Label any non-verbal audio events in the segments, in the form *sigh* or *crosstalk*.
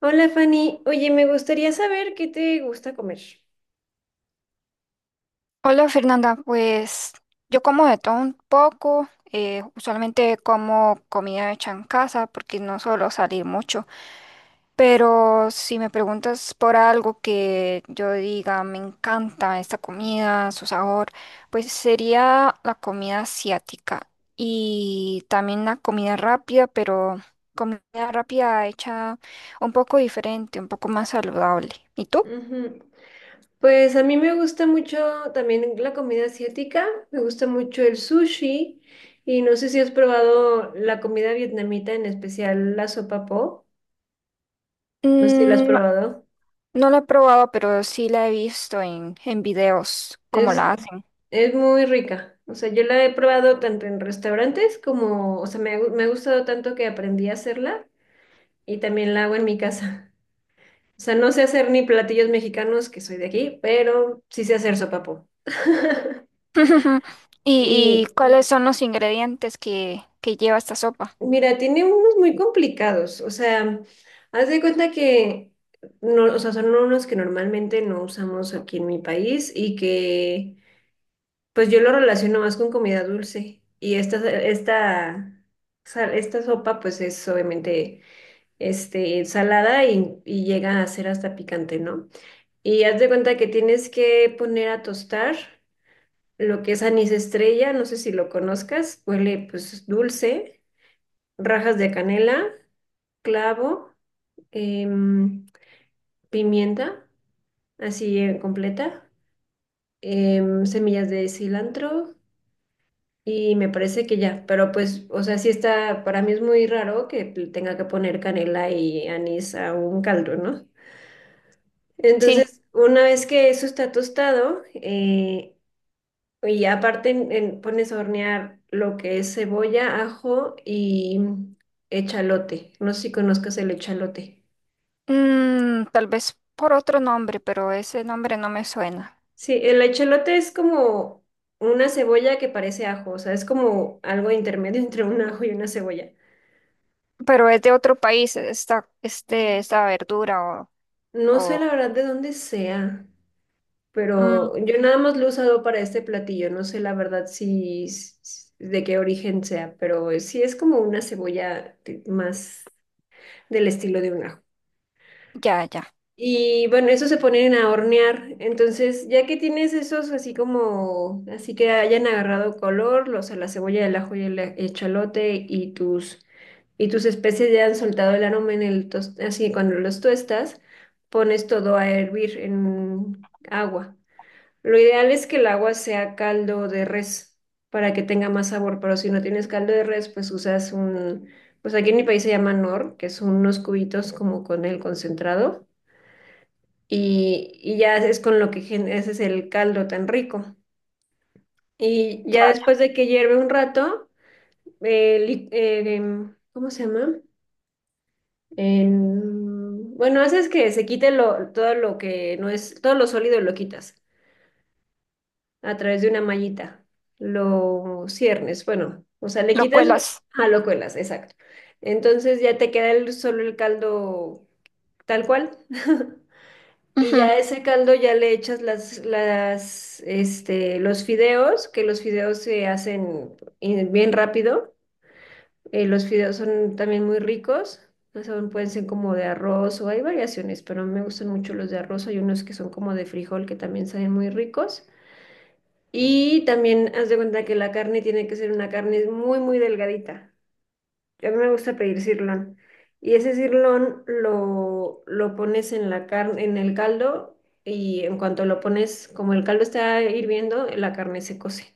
Hola Fanny, oye, me gustaría saber qué te gusta comer. Hola Fernanda, pues yo como de todo un poco, usualmente como comida hecha en casa porque no suelo salir mucho, pero si me preguntas por algo que yo diga me encanta esta comida, su sabor, pues sería la comida asiática y también la comida rápida, pero comida rápida hecha un poco diferente, un poco más saludable. ¿Y tú? Ujú. Pues a mí me gusta mucho también la comida asiática, me gusta mucho el sushi y no sé si has probado la comida vietnamita, en especial la sopa po, no sé si la has Mm. probado. No la he probado, pero sí la he visto en videos, cómo Es, la hacen. es muy rica, o sea, yo la he probado tanto en restaurantes como, o sea, me ha gustado tanto que aprendí a hacerla y también la hago en mi casa. O sea, no sé hacer ni platillos mexicanos, que soy de aquí, pero sí sé hacer sopapo. *laughs* *laughs* Y y cuáles son los ingredientes que lleva esta sopa? mira, tiene unos muy complicados. O sea, haz de cuenta que no, o sea, son unos que normalmente no usamos aquí en mi país y que pues yo lo relaciono más con comida dulce. Y esta sopa pues es obviamente este, salada y llega a ser hasta picante, ¿no? Y haz de cuenta que tienes que poner a tostar lo que es anís estrella, no sé si lo conozcas, huele pues dulce, rajas de canela, clavo, em, pimienta, así completa, semillas de cilantro y me parece que ya, pero pues, o sea, sí está, para mí es muy raro que le tenga que poner canela y anís a un caldo, ¿no? Sí. Entonces, una vez que eso está tostado, y aparte pones a hornear lo que es cebolla, ajo y echalote. No sé si conozcas el echalote. Mm, tal vez por otro nombre, pero ese nombre no me suena. Sí, el echalote es como una cebolla que parece ajo, o sea, es como algo intermedio *laughs* entre un ajo y una cebolla. Pero es de otro país, esta verdura No sé o la verdad de dónde sea, mm, pero yo nada más lo he usado para este platillo, no sé la verdad si, si- si, de qué origen sea, pero sí es como una más del estilo de un ajo. ya, ya, Y bueno, eso se ponen a hornear. Entonces, ya que tienes esos así como, así que hayan agarrado color, los a la cebolla, el ajo y el chalote y tus especies ya han soltado el aroma en así cuando los tuestas, pones todo a hervir en agua. Lo ideal es que el agua sea caldo de res para que tenga más sabor, pero si no tienes caldo de res, pues pues aquí en mi país se llama nor, que son unos cubitos como con el concentrado y ya es con lo ese es el caldo tan rico. Y ya, ya ya. después de que hierve un rato, ¿cómo se llama? Bueno, haces que se quite lo, todo lo que no es, todo lo sólido lo quitas a través de una mallita. Lo ciernes, bueno, o sea, le Lo quitas cuelas. a lo cuelas, exacto. Entonces ya te queda el, solo el caldo tal cual. *laughs* Y Ujú. ya a ese caldo ya le echas este, los fideos, que los fideos se hacen bien rápido. Los fideos son también muy ricos. O sea, pueden ser como de arroz o hay variaciones, pero me gustan mucho los de arroz. Hay unos que son como de frijol que también saben muy ricos. Y también haz de cuenta que la carne tiene que ser una carne muy delgadita. A mí me gusta pedir sirlón. Y ese sirlón lo pones en la carne, en el caldo, y en cuanto lo pones, como el caldo está hirviendo, la carne se cose.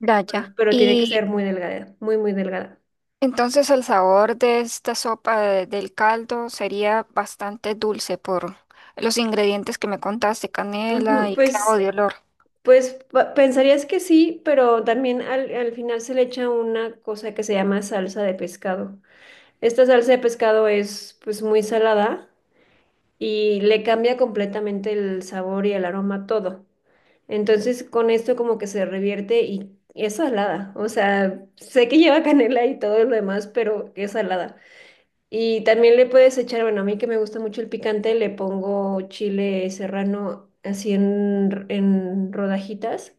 Ya, ya. Pero tiene que Y ser muy delgada, muy delgada. Entonces el sabor de esta sopa del caldo sería bastante dulce por los ingredientes que me contaste, canela Ujú. y clavo Pues, de olor. Pensarías que sí, pero también al final se le echa una cosa que se llama salsa de pescado. Esta salsa de pescado es pues muy salada y le cambia completamente el sabor y el aroma a todo. Entonces, con esto como que se revierte y es salada. O sea, sé que lleva *laughs* canela y todo lo demás, pero es salada. Y también le puedes echar, bueno, a mí que me gusta mucho el picante, le pongo chile serrano así en rodajitas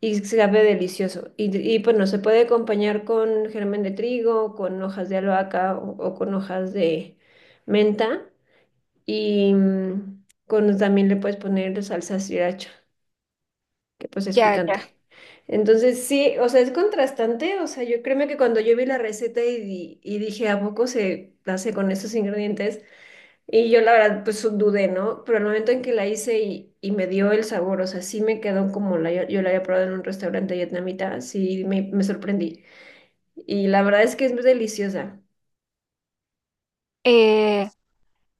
y sabe delicioso. Y bueno, se puede acompañar con germen de trigo, con hojas de albahaca o con hojas de menta y también le puedes poner salsa sriracha que pues es Ya, ya. picante. Entonces sí, o sea, es contrastante, o sea, yo créeme que cuando yo vi la receta y dije, ¿a poco se hace con estos ingredientes? Y yo la verdad pues dudé, ¿no? Pero el momento en que la hice y me dio el sabor, o sea, sí me quedó como la, yo la había probado en un restaurante vietnamita, sí me sorprendí. Y la verdad es que es deliciosa. Eh,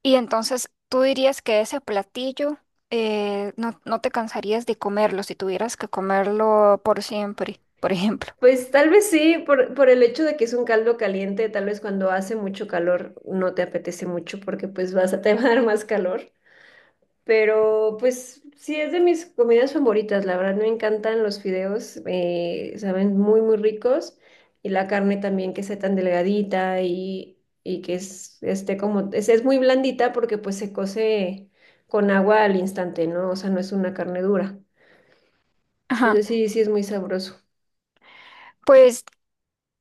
y entonces tú dirías que ese platillo, no, no te cansarías de comerlo si tuvieras que comerlo por siempre, por ejemplo. Pues tal vez sí, por el hecho de que es un caldo caliente, tal vez cuando hace mucho calor no te apetece mucho porque pues *laughs* te va a dar más calor. Pero pues sí, es de mis comidas favoritas, la verdad me encantan los fideos, saben muy muy ricos y la carne también que sea tan delgadita y que esté como, es muy blandita porque pues se cose con agua al instante, ¿no? O sea, no es una carne dura. Ajá. Entonces sí, sí es muy sabroso Pues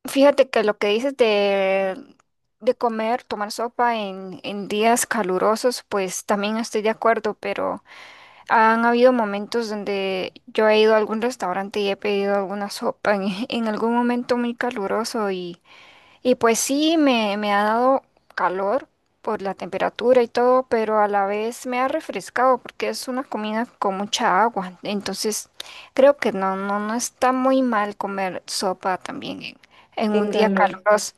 fíjate que lo que dices de comer, tomar sopa en días calurosos, pues también estoy de acuerdo, pero... Han habido momentos donde yo he ido a algún restaurante y he pedido alguna sopa en, *laughs* en algún momento muy caluroso y pues sí, me ha dado calor por la temperatura y todo, pero a la vez me ha refrescado porque es una comida con mucha agua. Entonces creo que no, no, no está muy mal comer sopa también en en un día calor. caluroso.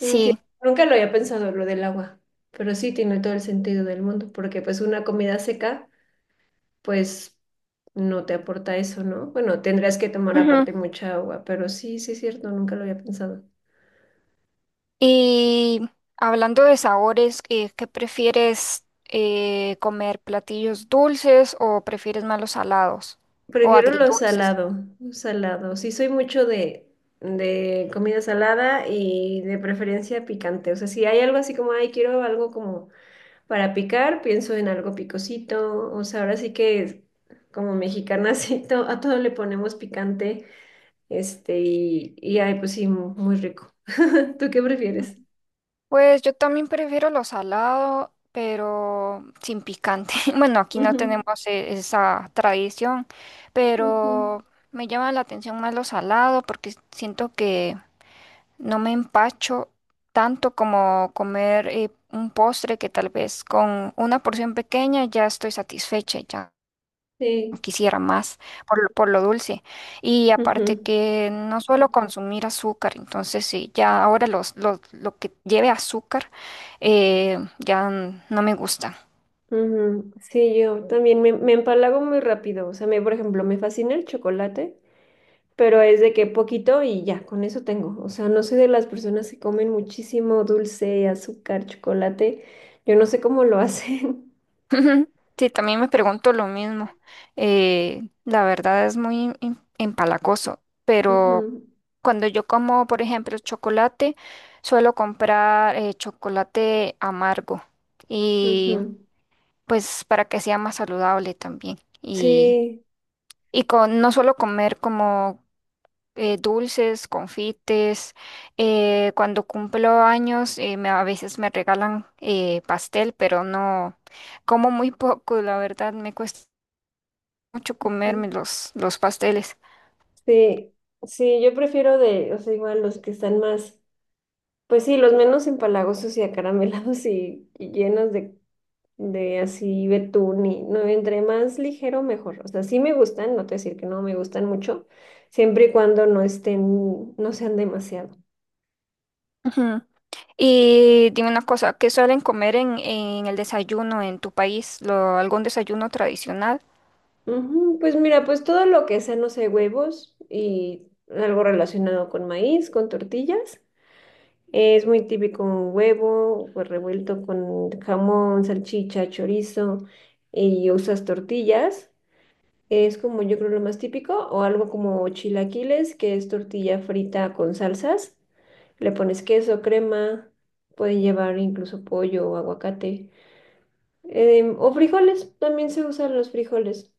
Mm, sí, nunca lo había pensado lo del agua, pero sí tiene todo el sentido del mundo porque pues una comida seca pues no te aporta eso, ¿no? Bueno, tendrías que tomar aparte mucha agua, pero sí, sí es cierto, nunca lo había pensado. Y hablando de sabores, ¿qué prefieres comer? ¿Platillos dulces o prefieres más los salados o Prefiero lo agridulces? salado, lo salado. Sí soy mucho de comida salada y de preferencia picante. O sea, si hay algo así como, ay, quiero algo como para picar, pienso en algo picosito. O sea, ahora sí que como mexicanas *laughs* sí, a todo le ponemos picante. Este, y ay, pues sí, muy rico. *laughs* ¿Tú qué prefieres? Pues yo también prefiero los salados, pero sin picante. *laughs* Bueno, aquí no Ujú, tenemos esa tradición, ujú. pero me llama la atención más los salados porque siento que no me empacho tanto como comer un postre que tal vez con una porción pequeña ya estoy satisfecha y ya. Sí. Quisiera más por lo dulce. Y aparte Ujú, que no suelo consumir azúcar, entonces sí, ya ahora lo que lleve azúcar ya no me gusta. ujú. Sí, yo también me empalago muy rápido. O sea, por ejemplo, me fascina el chocolate, pero es de que poquito y ya, con eso tengo. O sea, no soy de las personas que comen muchísimo dulce, azúcar, chocolate. Yo no sé cómo lo hacen. *laughs* Sí, también me pregunto lo mismo. La verdad es muy empalagoso, *laughs* pero Ujú, cuando yo como, por ejemplo, chocolate, suelo comprar chocolate amargo y ujú. pues para que sea más saludable también. Sí, Y con no solo comer como dulces, confites, cuando cumplo años, a veces me regalan pastel, pero no, como muy poco, la verdad, me cuesta mucho comerme los pasteles. sí, sí, yo prefiero de, o sea, igual los que están más, pues sí, los menos empalagosos y acaramelados y llenos de así betún y no, entre más ligero mejor. O sea, sí me gustan, no te voy a decir que no me gustan mucho, siempre y cuando no estén, no sean demasiado. Ujú. Y dime una cosa, ¿qué suelen comer en el desayuno en tu país? Algún desayuno tradicional? Ujú. Pues mira, pues todo lo que sea, no sé, huevos y algo relacionado con maíz, con tortillas. Es muy típico un huevo, pues revuelto con jamón, salchicha, chorizo y usas tortillas. Es como yo creo lo más típico, o algo como chilaquiles, que es tortilla frita con salsas. Le pones queso, crema, puede llevar incluso pollo o aguacate. Em, o frijoles, también se usan los frijoles.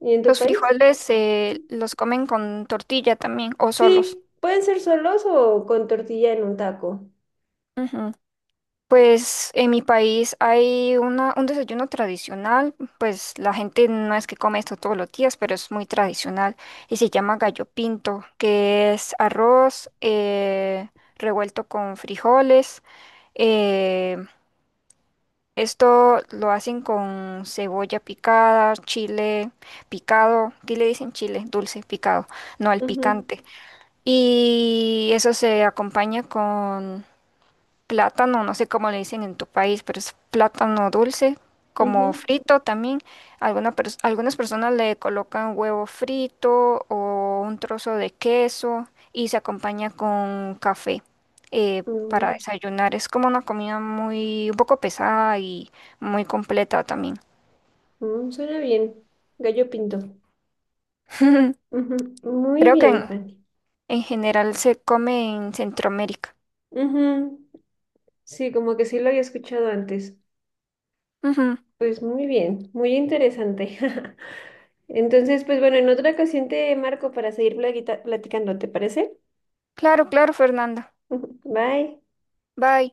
¿Y en tu ¿Los país? frijoles, los comen con tortilla también o solos? Sí, pueden ser solos o con tortilla en un taco. Pues en mi país hay un desayuno tradicional, pues la gente no es que come esto todos los días, pero es muy tradicional y se llama gallo pinto, que es arroz, revuelto con frijoles. Eh, esto lo hacen con cebolla picada, chile picado, aquí le dicen chile dulce picado, no al Ujú, picante. Y eso se acompaña con plátano, no sé cómo le dicen en tu país, pero es plátano dulce, como ujú. frito también. Algunas personas le colocan huevo frito o un trozo de queso y se acompaña con café, para Mm, desayunar. Es como una comida muy, un poco pesada y muy completa también. mm, suena bien. Gallo pinto. *laughs* Ujú, muy Creo que bien, Fanny. en general se come en Centroamérica. Ujú, sí, como que sí lo había escuchado antes. Ujú. Pues muy bien, muy interesante. *laughs* Entonces, pues bueno, en otra ocasión te marco para seguir platicando, ¿te parece? Claro, claro, Fernanda. *laughs* Bye. Bye.